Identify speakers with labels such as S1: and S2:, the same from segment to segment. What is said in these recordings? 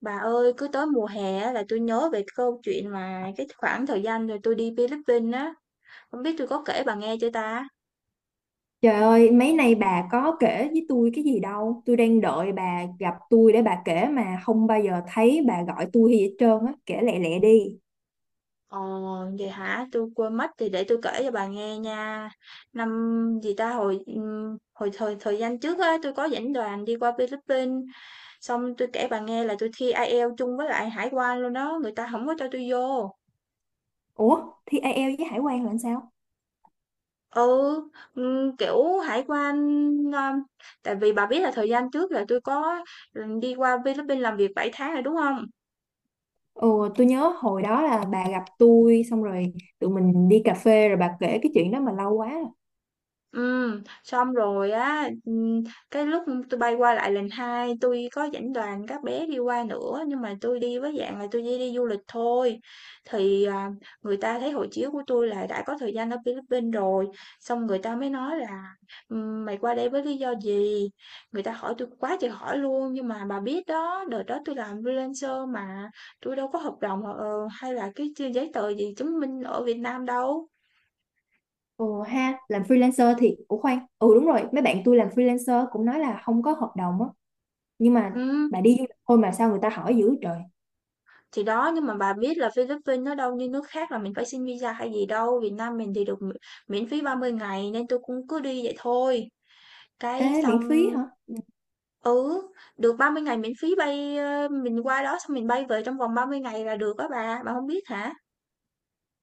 S1: Bà ơi, cứ tới mùa hè á là tôi nhớ về câu chuyện mà cái khoảng thời gian rồi tôi đi Philippines á. Không biết tôi có kể bà nghe chưa ta?
S2: Trời ơi, mấy nay bà có kể với tôi cái gì đâu. Tôi đang đợi bà gặp tôi để bà kể mà không bao giờ thấy bà gọi tôi hay gì hết trơn á. Kể lẹ lẹ đi.
S1: Ờ, vậy hả? Tôi quên mất thì để tôi kể cho bà nghe nha. Năm gì ta hồi hồi thời thời gian trước á, tôi có dẫn đoàn đi qua Philippines, xong tôi kể bà nghe là tôi thi IELTS chung với lại hải quan luôn đó, người ta không có cho tôi vô.
S2: Ủa, thi IELTS với Hải quan là làm sao?
S1: Ừ, kiểu, hải quan, ơ tại vì bà biết là thời gian trước là tôi có, đi qua Philippines làm việc 7 tháng rồi, đúng không?
S2: Ồ, tôi nhớ hồi đó là bà gặp tôi xong rồi tụi mình đi cà phê rồi bà kể cái chuyện đó mà lâu quá rồi.
S1: Ừ, xong rồi á, cái lúc tôi bay qua lại lần 2, tôi có dẫn đoàn các bé đi qua nữa, nhưng mà tôi đi với dạng là tôi chỉ đi du lịch thôi. Thì, à, người ta thấy hộ chiếu của tôi là đã có thời gian ở Philippines rồi, xong người ta mới nói là mày qua đây với lý do gì?" Người ta hỏi tôi quá trời hỏi luôn, nhưng mà bà biết đó, đợt đó tôi làm freelancer mà, tôi đâu có hợp đồng, hay là cái giấy tờ gì chứng minh ở Việt Nam đâu.
S2: Ồ ha, làm freelancer thì— Ủa khoan, ừ đúng rồi, mấy bạn tôi làm freelancer cũng nói là không có hợp đồng á. Nhưng mà
S1: Ừ.
S2: bà đi du lịch thôi mà sao người ta hỏi dữ trời.
S1: Thì đó, nhưng mà bà biết là Philippines nó đâu như nước khác là mình phải xin visa hay gì đâu, Việt Nam mình thì được miễn phí 30 ngày nên tôi cũng cứ đi vậy thôi. Cái
S2: Ê,
S1: xong
S2: miễn phí hả?
S1: ừ, được 30 ngày miễn phí bay mình qua đó xong mình bay về trong vòng 30 ngày là được á bà không biết hả?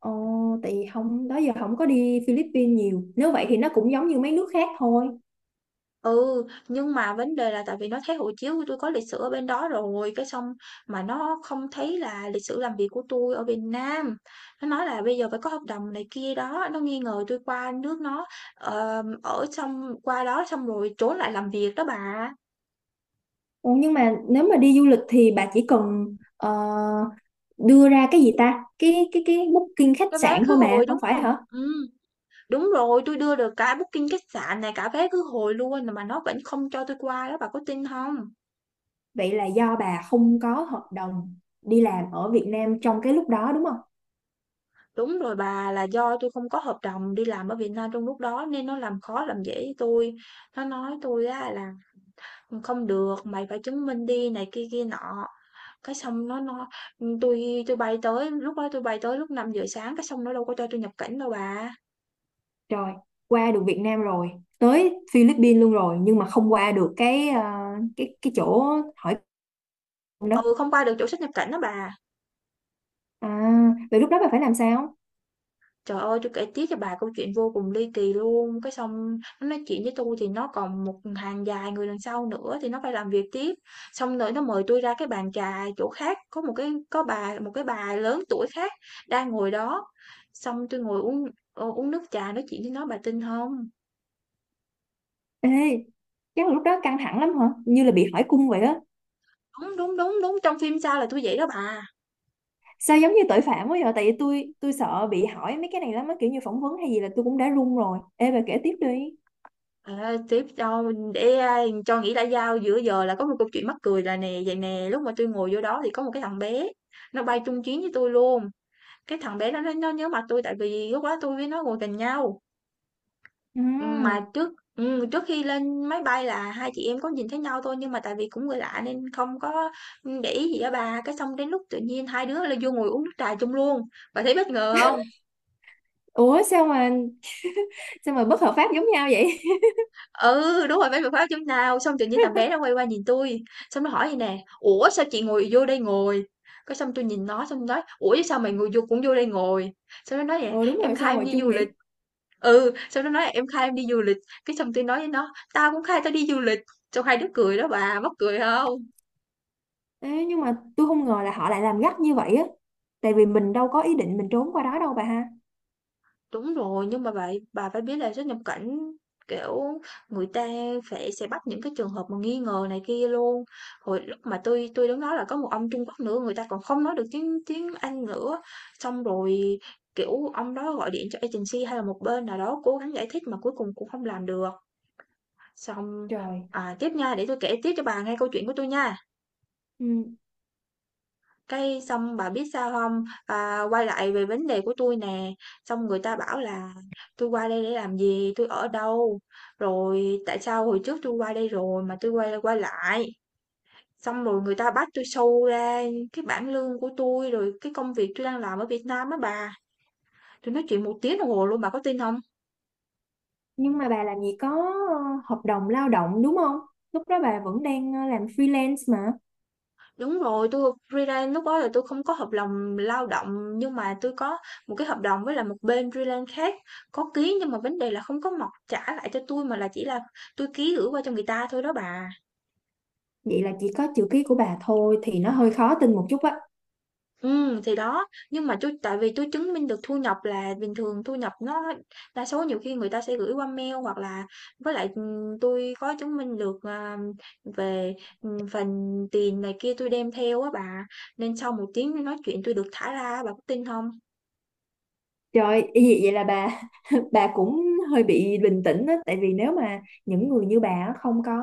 S2: Ồ, tại vì không đó giờ không có đi Philippines nhiều. Nếu vậy thì nó cũng giống như mấy nước khác thôi.
S1: Ừ, nhưng mà vấn đề là tại vì nó thấy hộ chiếu của tôi có lịch sử ở bên đó rồi, cái xong mà nó không thấy là lịch sử làm việc của tôi ở Việt Nam. Nó nói là bây giờ phải có hợp đồng này kia đó, nó nghi ngờ tôi qua nước nó ở xong qua đó xong rồi trốn lại làm việc đó bà.
S2: Ồ, nhưng mà nếu mà đi du lịch thì bà chỉ cần ờ, đưa ra cái gì ta? Cái booking khách
S1: Cái vé
S2: sạn
S1: khứ
S2: thôi mà,
S1: hồi
S2: không
S1: đúng
S2: phải
S1: không?
S2: hả?
S1: Ừ, đúng rồi, tôi đưa được cả booking khách sạn này, cả vé khứ hồi luôn mà nó vẫn không cho tôi qua đó, bà có tin không?
S2: Vậy là do bà không có hợp đồng đi làm ở Việt Nam trong cái lúc đó đúng không?
S1: Đúng rồi bà, là do tôi không có hợp đồng đi làm ở Việt Nam trong lúc đó nên nó làm khó làm dễ với tui. Nó nói tôi á là không được, mày phải chứng minh đi này kia kia nọ. Cái xong nó tôi bay tới lúc đó tôi bay tới lúc 5 giờ sáng cái xong nó đâu có cho tôi nhập cảnh đâu bà.
S2: Rồi qua được Việt Nam rồi, tới Philippines luôn rồi nhưng mà không qua được cái ờ, cái chỗ hỏi cung đó.
S1: Ừ không qua được chỗ xuất nhập cảnh đó bà.
S2: À, vậy lúc đó bà phải làm sao?
S1: Trời ơi, tôi kể tiếp cho bà câu chuyện vô cùng ly kỳ luôn, cái xong nó nói chuyện với tôi thì nó còn một hàng dài người đằng sau nữa thì nó phải làm việc tiếp. Xong rồi nó mời tôi ra cái bàn trà chỗ khác, có một cái có bà một cái bà lớn tuổi khác đang ngồi đó. Xong tôi ngồi uống uống nước trà nói chuyện với nó bà tin không?
S2: Ê, chắc là lúc đó căng thẳng lắm hả? Như là bị hỏi cung vậy á.
S1: Đúng đúng đúng đúng trong phim sao là tôi vậy đó bà.
S2: Sao giống như tội phạm quá vậy? Tại vì tôi sợ bị hỏi mấy cái này lắm á, kiểu như phỏng vấn hay gì là tôi cũng đã run rồi. Ê bà kể tiếp đi.
S1: À, tiếp cho để cho nghĩ đã giao giữa giờ là có một câu chuyện mắc cười là nè vậy nè lúc mà tôi ngồi vô đó thì có một cái thằng bé nó bay chung chuyến với tôi luôn. Cái thằng bé đó nó nhớ mặt tôi tại vì lúc đó tôi với nó ngồi gần nhau.
S2: Ừ.
S1: Mà trước trước khi lên máy bay là hai chị em có nhìn thấy nhau thôi nhưng mà tại vì cũng người lạ nên không có để ý gì á bà. Cái xong đến lúc tự nhiên hai đứa là vô ngồi uống nước trà chung luôn. Bà thấy bất ngờ không?
S2: Ủa sao mà bất hợp pháp giống nhau vậy?
S1: Ừ, đúng rồi, bán được khóa chấm nào, xong tự nhiên thằng bé nó quay qua nhìn tôi xong nó hỏi vậy nè: "Ủa sao chị ngồi vô đây ngồi?" Cái xong tôi nhìn nó xong nói: "Ủa chứ sao mày ngồi vô cũng vô đây ngồi?" Xong nó nói nè:
S2: Ờ đúng
S1: "Em
S2: rồi, sao
S1: khai em
S2: ngồi
S1: đi
S2: chung
S1: du lịch."
S2: vậy?
S1: Ừ, xong nó nói là "Em khai em đi du lịch." Cái xong tôi nói với nó: "Tao cũng khai tao đi du lịch." Xong hai đứa cười đó bà, mắc cười không?
S2: Ê, nhưng mà tôi không ngờ là họ lại làm gắt như vậy á. Tại vì mình đâu có ý định mình trốn qua đó đâu bà ha.
S1: Đúng rồi, nhưng mà bà phải biết là xuất nhập cảnh, kiểu, người ta phải sẽ bắt những cái trường hợp mà nghi ngờ này kia luôn. Hồi lúc mà tôi đứng đó là có một ông Trung Quốc nữa, người ta còn không nói được tiếng tiếng Anh nữa. Xong rồi kiểu ông đó gọi điện cho agency hay là một bên nào đó cố gắng giải thích mà cuối cùng cũng không làm được. Xong
S2: Trời.
S1: tiếp nha, để tôi kể tiếp cho bà nghe câu chuyện của tôi nha.
S2: Ừ.
S1: Cái xong bà biết sao không? À, quay lại về vấn đề của tôi nè, xong người ta bảo là tôi qua đây để làm gì? Tôi ở đâu? Rồi tại sao hồi trước tôi qua đây rồi mà tôi quay quay lại?" Xong rồi người ta bắt tôi show ra cái bảng lương của tôi rồi cái công việc tôi đang làm ở Việt Nam á bà. Tôi nói chuyện một tiếng đồng hồ luôn, bà có tin không?
S2: Nhưng mà bà làm gì có ờ, hợp đồng lao động đúng không? Lúc đó bà vẫn đang làm freelance mà.
S1: Đúng rồi, tôi freelance lúc đó là tôi không có hợp đồng lao động nhưng mà tôi có một cái hợp đồng với là một bên freelance khác có ký nhưng mà vấn đề là không có mọc trả lại cho tôi mà là chỉ là tôi ký gửi qua cho người ta thôi đó bà.
S2: Vậy là chỉ có chữ ký của bà thôi thì nó hơi khó tin một chút á.
S1: Ừ thì đó, nhưng mà tôi tại vì tôi chứng minh được thu nhập là bình thường thu nhập nó đa số nhiều khi người ta sẽ gửi qua mail hoặc là với lại tôi có chứng minh được về phần tiền này kia tôi đem theo á bà nên sau một tiếng nói chuyện tôi được thả ra á, bà có tin không?
S2: Trời ý gì vậy là bà bà cũng hơi bị bình tĩnh á, tại vì nếu mà những người như bà á, không có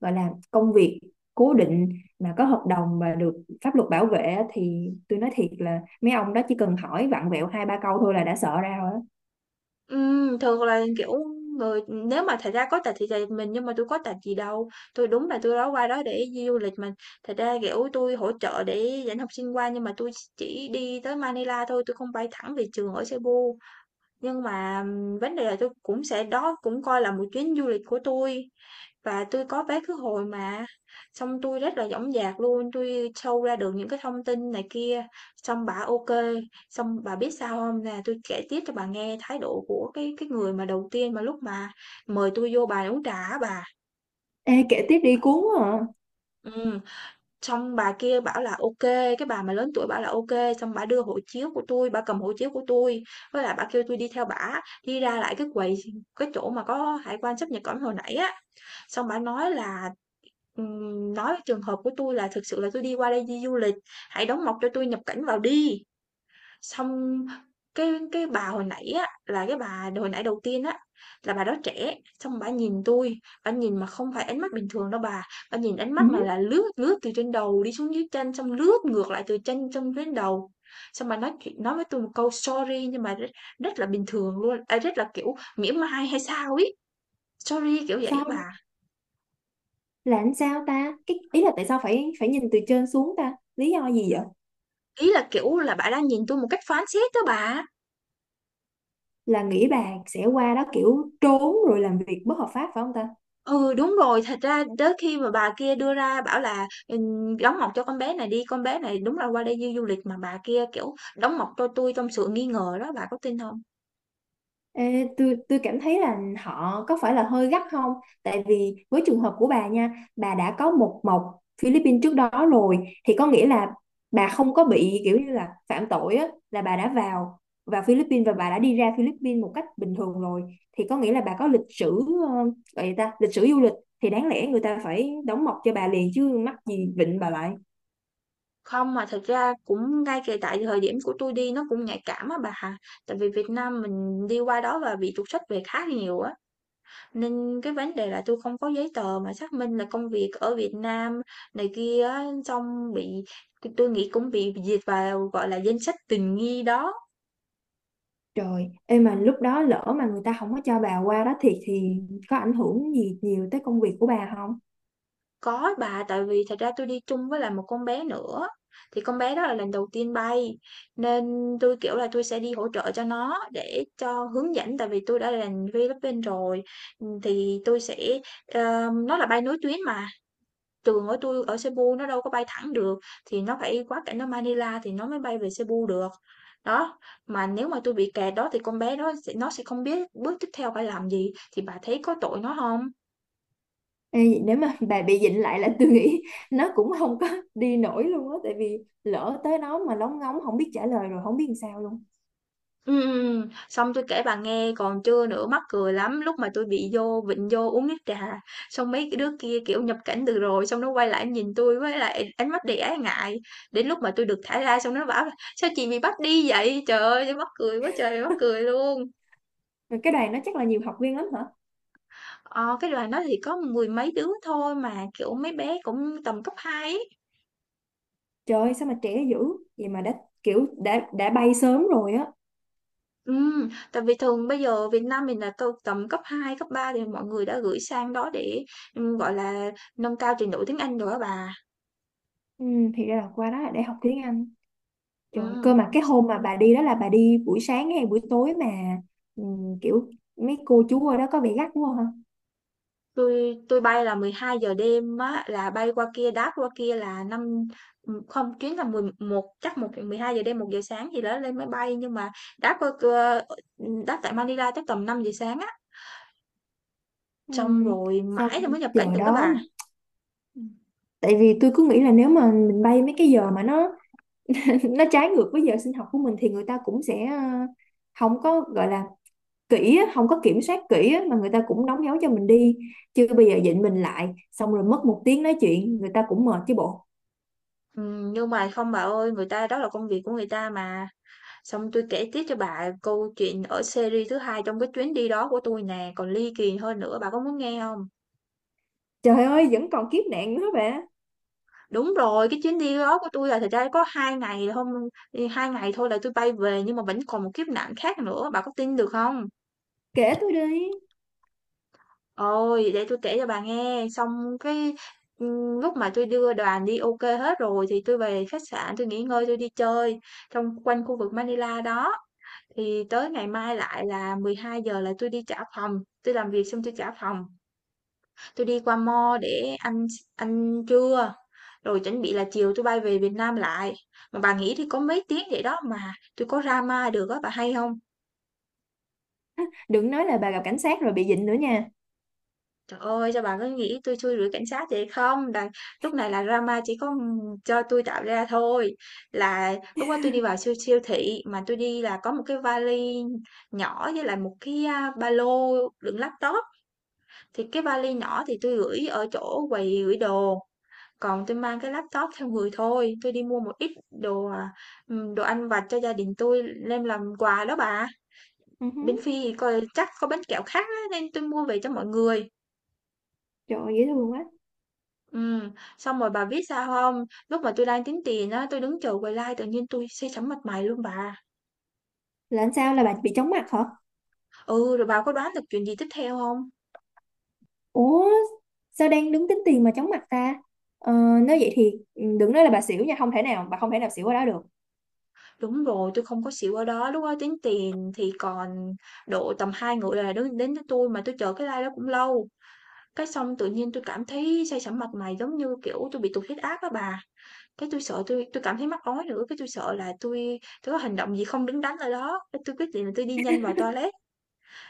S2: gọi là công việc cố định mà có hợp đồng mà được pháp luật bảo vệ á, thì tôi nói thiệt là mấy ông đó chỉ cần hỏi vặn vẹo hai ba câu thôi là đã sợ ra rồi á.
S1: Thường là, kiểu, người nếu mà thật ra có tật thì tùy mình, nhưng mà tôi có tật gì đâu, tôi đúng là tôi đó qua đó để đi du lịch mà. Thật ra, kiểu, tôi hỗ trợ để dẫn học sinh qua nhưng mà tôi chỉ đi tới Manila thôi, tôi không bay thẳng về trường ở Cebu. Nhưng mà, vấn đề là tôi cũng sẽ đó cũng coi là một chuyến du lịch của tôi và tôi có vé khứ hồi mà, xong tôi rất là dõng dạc luôn, tôi show ra được những cái thông tin này kia, xong bà ok. Xong bà biết sao không? Là tôi kể tiếp cho bà nghe thái độ của cái người mà đầu tiên mà lúc mà mời tôi vô bà uống trà á bà.
S2: Ê kể tiếp đi, cuốn quá à.
S1: Ừm, Xong bà kia bảo là ok, cái bà mà lớn tuổi bảo là ok, xong bà đưa hộ chiếu của tôi bà cầm hộ chiếu của tôi với lại bà kêu tôi đi theo bà đi ra lại cái quầy cái chỗ mà có hải quan sáp nhập cảnh hồi nãy á. Xong bà nói là, nói trường hợp của tôi là thực sự là tôi đi qua đây đi du lịch, hãy đóng mộc cho tôi nhập cảnh vào đi. Xong cái bà hồi nãy á, là cái bà hồi nãy đầu tiên á, là bà đó trẻ, xong bà nhìn tôi bà nhìn mà không phải ánh mắt bình thường đâu bà nhìn ánh mắt mà
S2: Ừ,
S1: là lướt lướt từ trên đầu đi xuống dưới chân, xong lướt ngược lại từ chân xong đến đầu. Xong bà nói chuyện nói với tôi một câu "Sorry" nhưng mà rất rất là bình thường luôn, à, rất là, kiểu, mỉa mai hay sao ấy, "Sorry" kiểu vậy á bà.
S2: sorry là làm sao ta, cái ý là tại sao phải phải nhìn từ trên xuống ta, lý do gì vậy?
S1: Ý là, kiểu là, bà đang nhìn tôi một cách phán xét đó bà.
S2: Là nghĩ bà sẽ qua đó kiểu trốn rồi làm việc bất hợp pháp phải không ta?
S1: Ừ, đúng rồi, thật ra tới khi mà bà kia đưa ra bảo là, "Đóng mộc cho con bé này đi, con bé này đúng là qua đây du du lịch" mà bà kia, kiểu, "Đóng mộc cho tôi trong sự nghi ngờ đó, bà có tin không?
S2: Ê, tôi cảm thấy là họ có phải là hơi gắt không? Tại vì với trường hợp của bà nha, bà đã có một mộc Philippines trước đó rồi thì có nghĩa là bà không có bị kiểu như là phạm tội á, là bà đã vào vào Philippines và bà đã đi ra Philippines một cách bình thường rồi thì có nghĩa là bà có lịch sử ờ, gọi gì ta, lịch sử du lịch, thì đáng lẽ người ta phải đóng mộc cho bà liền chứ mắc gì vịnh bà lại.
S1: Không, mà thật ra cũng ngay kể tại thời điểm của tôi đi nó cũng nhạy cảm á bà. Tại vì Việt Nam mình đi qua đó và bị trục xuất về khá nhiều á. Nên cái vấn đề là tôi không có giấy tờ mà xác minh là công việc ở Việt Nam này kia á, xong tôi nghĩ cũng bị liệt vào, gọi là, danh sách tình nghi đó.
S2: Trời, em mà lúc đó lỡ mà người ta không có cho bà qua đó thì có ảnh hưởng gì nhiều tới công việc của bà không?
S1: Có bà, tại vì thật ra tôi đi chung với lại một con bé nữa, thì con bé đó là lần đầu tiên bay, nên tôi kiểu là, tôi sẽ đi hỗ trợ cho nó để cho hướng dẫn, tại vì tôi đã là Philippines rồi, thì tôi sẽ, ờ, nó là bay nối tuyến mà. Trường tôi ở Cebu nó đâu có bay thẳng được, thì nó phải quá cảnh ở Manila thì nó mới bay về Cebu được. Đó, mà nếu mà tôi bị kẹt đó thì con bé đó nó sẽ không biết bước tiếp theo phải làm gì, thì bà thấy có tội nó không?
S2: Ê, nếu mà bà bị dịnh lại là tôi nghĩ nó cũng không có đi nổi luôn á, tại vì lỡ tới đó mà lóng ngóng không biết trả lời rồi không biết làm sao luôn.
S1: Xong tôi kể bà nghe còn chưa nữa, mắc cười lắm, lúc mà tôi bị vô vịnh vô uống nước trà, xong mấy cái đứa kia, kiểu, nhập cảnh từ rồi, xong nó quay lại nhìn tôi với lại ánh mắt đầy ái ngại, đến lúc mà tôi được thả ra xong nó bảo là "Sao chị bị bắt đi vậy?" Trời ơi, tui mắc cười quá trời mắc cười luôn!
S2: Rồi cái đoàn đó chắc là nhiều học viên lắm hả?
S1: Ờ, cái đoàn đó thì có mười mấy đứa thôi mà, kiểu, mấy bé cũng tầm cấp 2, ấy.
S2: Trời sao mà trẻ dữ vậy mà đã kiểu đã bay sớm rồi á.
S1: Tại vì thường bây giờ Việt Nam mình là tầm cấp 2 cấp 3 thì mọi người đã gửi sang đó để, gọi là, nâng cao trình độ tiếng Anh rồi á bà.
S2: Ừ, thì ra là qua đó là để học tiếng Anh. Trời, cơ
S1: Ừm,
S2: mà cái hôm mà bà đi đó là bà đi buổi sáng hay buổi tối mà, ừ, kiểu mấy cô chú ở đó có vẻ gắt quá.
S1: tui bay là 12 giờ đêm á, là bay qua kia, đáp qua kia là năm không, chuyến là 11 chắc một 12 giờ đêm, 1 giờ sáng gì đó lên máy bay, nhưng mà đáp qua đáp tại Manila chắc tầm 5 giờ sáng á, xong
S2: Ừm,
S1: rồi mãi
S2: Sao
S1: rồi mới nhập cảnh
S2: giờ
S1: được đó
S2: đó
S1: bà.
S2: mà, tại vì tôi cứ nghĩ là nếu mà mình bay mấy cái giờ mà nó nó trái ngược với giờ sinh học của mình thì người ta cũng sẽ không có gọi là kỹ á, không có kiểm soát kỹ á, mà người ta cũng đóng dấu cho mình đi, chứ bây giờ dịnh mình lại xong rồi mất một tiếng nói chuyện người ta cũng mệt chứ bộ.
S1: Nhưng mà không bà ơi, người ta đó là công việc của người ta mà. Xong tôi kể tiếp cho bà câu chuyện ở series thứ hai trong cái chuyến đi đó của tôi nè, còn ly kỳ hơn nữa, bà có muốn nghe không?
S2: Trời ơi vẫn còn kiếp nạn nữa bà.
S1: Đúng rồi, cái chuyến đi đó của tôi là thật ra có 2 ngày không, 2 ngày thôi là tôi bay về nhưng mà vẫn còn một kiếp nạn khác nữa, bà có tin được không?
S2: Kể tôi đi.
S1: Ôi, để tôi kể cho bà nghe. Xong cái lúc mà tôi đưa đoàn đi ok hết rồi thì tôi về khách sạn, tôi nghỉ ngơi, tôi đi chơi trong quanh khu vực Manila đó. Thì tới ngày mai lại là 12 giờ là tôi đi trả phòng, tôi làm việc xong tôi trả phòng, tôi đi qua mall để ăn ăn trưa, rồi chuẩn bị là chiều tôi bay về Việt Nam lại. Mà bà nghĩ thì có mấy tiếng vậy đó mà tôi có ra được á, bà hay không?
S2: Đừng nói là bà gặp cảnh sát rồi bị dịnh nữa nha.
S1: Trời ơi, cho bà cứ nghĩ tôi xui rủi cảnh sát vậy không? Là lúc này là drama chỉ có, cho tôi tạo ra thôi. Là lúc đó tôi đi vào siêu siêu thị mà tôi đi là có một cái vali nhỏ với lại một cái, ba lô đựng laptop. Thì cái vali nhỏ thì tôi gửi ở chỗ quầy gửi đồ, còn tôi mang cái laptop theo người thôi, tôi đi mua một ít đồ ăn vặt cho gia đình tôi đem làm quà đó bà. Bên
S2: Uh.
S1: Phi thì coi chắc có bánh kẹo khác á, nên tôi mua về cho mọi người.
S2: Trời ơi dễ thương quá là.
S1: Ừ, xong rồi bà biết sao không? Lúc mà tôi đang tính tiền á, tôi đứng chờ quầy like tự nhiên tôi say sẩm mặt mày luôn bà.
S2: Làm sao, là bà bị chóng mặt hả?
S1: Ừ, rồi bà có đoán được chuyện gì tiếp theo không?
S2: Ủa sao đang đứng tính tiền mà chóng mặt ta? ờ, Nếu vậy thì, ừ, đừng nói là bà xỉu nha. Không thể nào, bà không thể nào xỉu ở đó được.
S1: Đúng rồi, tôi không có xỉu ở đó, lúc đó tính tiền thì còn độ tầm hai người là đứng đến với tôi mà tôi chờ cái like đó cũng lâu. Cái xong tự nhiên tôi cảm thấy say sẩm mặt mày giống như, kiểu, tôi bị tụt huyết áp á bà. Cái tôi sợ tôi cảm thấy mắc ói nữa, cái tôi sợ là tôi có hành động gì không đứng đắn ở đó, cái tôi quyết định là tôi đi nhanh vào toilet,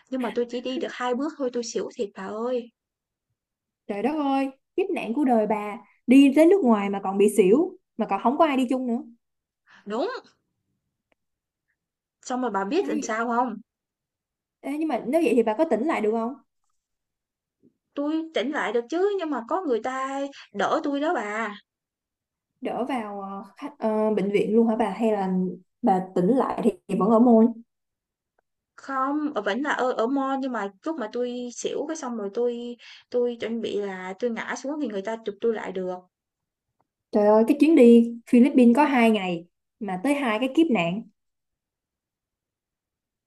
S1: nhưng mà tôi chỉ đi được 2 bước thôi tôi xỉu thiệt bà ơi.
S2: Trời đất ơi, kiếp nạn của đời bà. Đi đến nước ngoài mà còn bị xỉu. Mà còn không có ai đi chung nữa,
S1: Đúng, xong rồi bà biết
S2: nói
S1: làm
S2: vậy.
S1: sao không?
S2: Ê, nhưng mà nếu vậy thì bà có tỉnh lại được không?
S1: Tôi tỉnh lại được chứ, nhưng mà có người ta đỡ tôi đó bà.
S2: Đỡ vào bệnh viện luôn hả bà? Hay là bà tỉnh lại thì, vẫn ở môn.
S1: Không, vẫn là ở ở mall nhưng mà lúc mà tôi xỉu cái xong rồi tôi chuẩn bị là tôi ngã xuống thì người ta chụp tôi lại được.
S2: Trời ơi cái chuyến đi Philippines có 2 ngày mà tới hai cái kiếp nạn.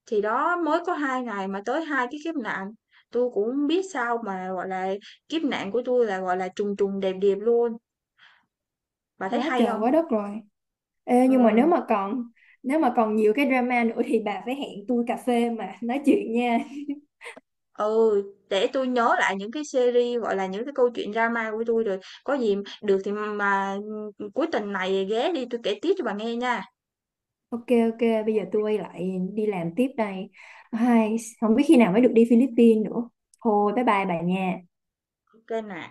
S1: Thì đó, mới có 2 ngày mà tới 2 cái kiếp nạn, tôi cũng hông biết sao mà, gọi là, kiếp nạn của tôi là, gọi là, trùng trùng đẹp đẹp luôn. Bà thấy
S2: Quá
S1: hay
S2: trời quá
S1: không?
S2: đất rồi. Ê, nhưng mà nếu
S1: Ừm,
S2: mà còn nếu mà còn nhiều cái drama nữa thì bà phải hẹn tôi cà phê mà nói chuyện nha.
S1: ừ, để tôi nhớ lại những cái series, gọi là, những cái câu chuyện drama của tôi rồi có gì được thì mà, cuối tuần này ghé đi tôi kể tiếp cho bà nghe nha.
S2: Ok ok, bây giờ tôi quay lại đi làm tiếp đây. Ai, không biết khi nào mới được đi Philippines nữa. Thôi bye bye bà nha.
S1: Ok nè.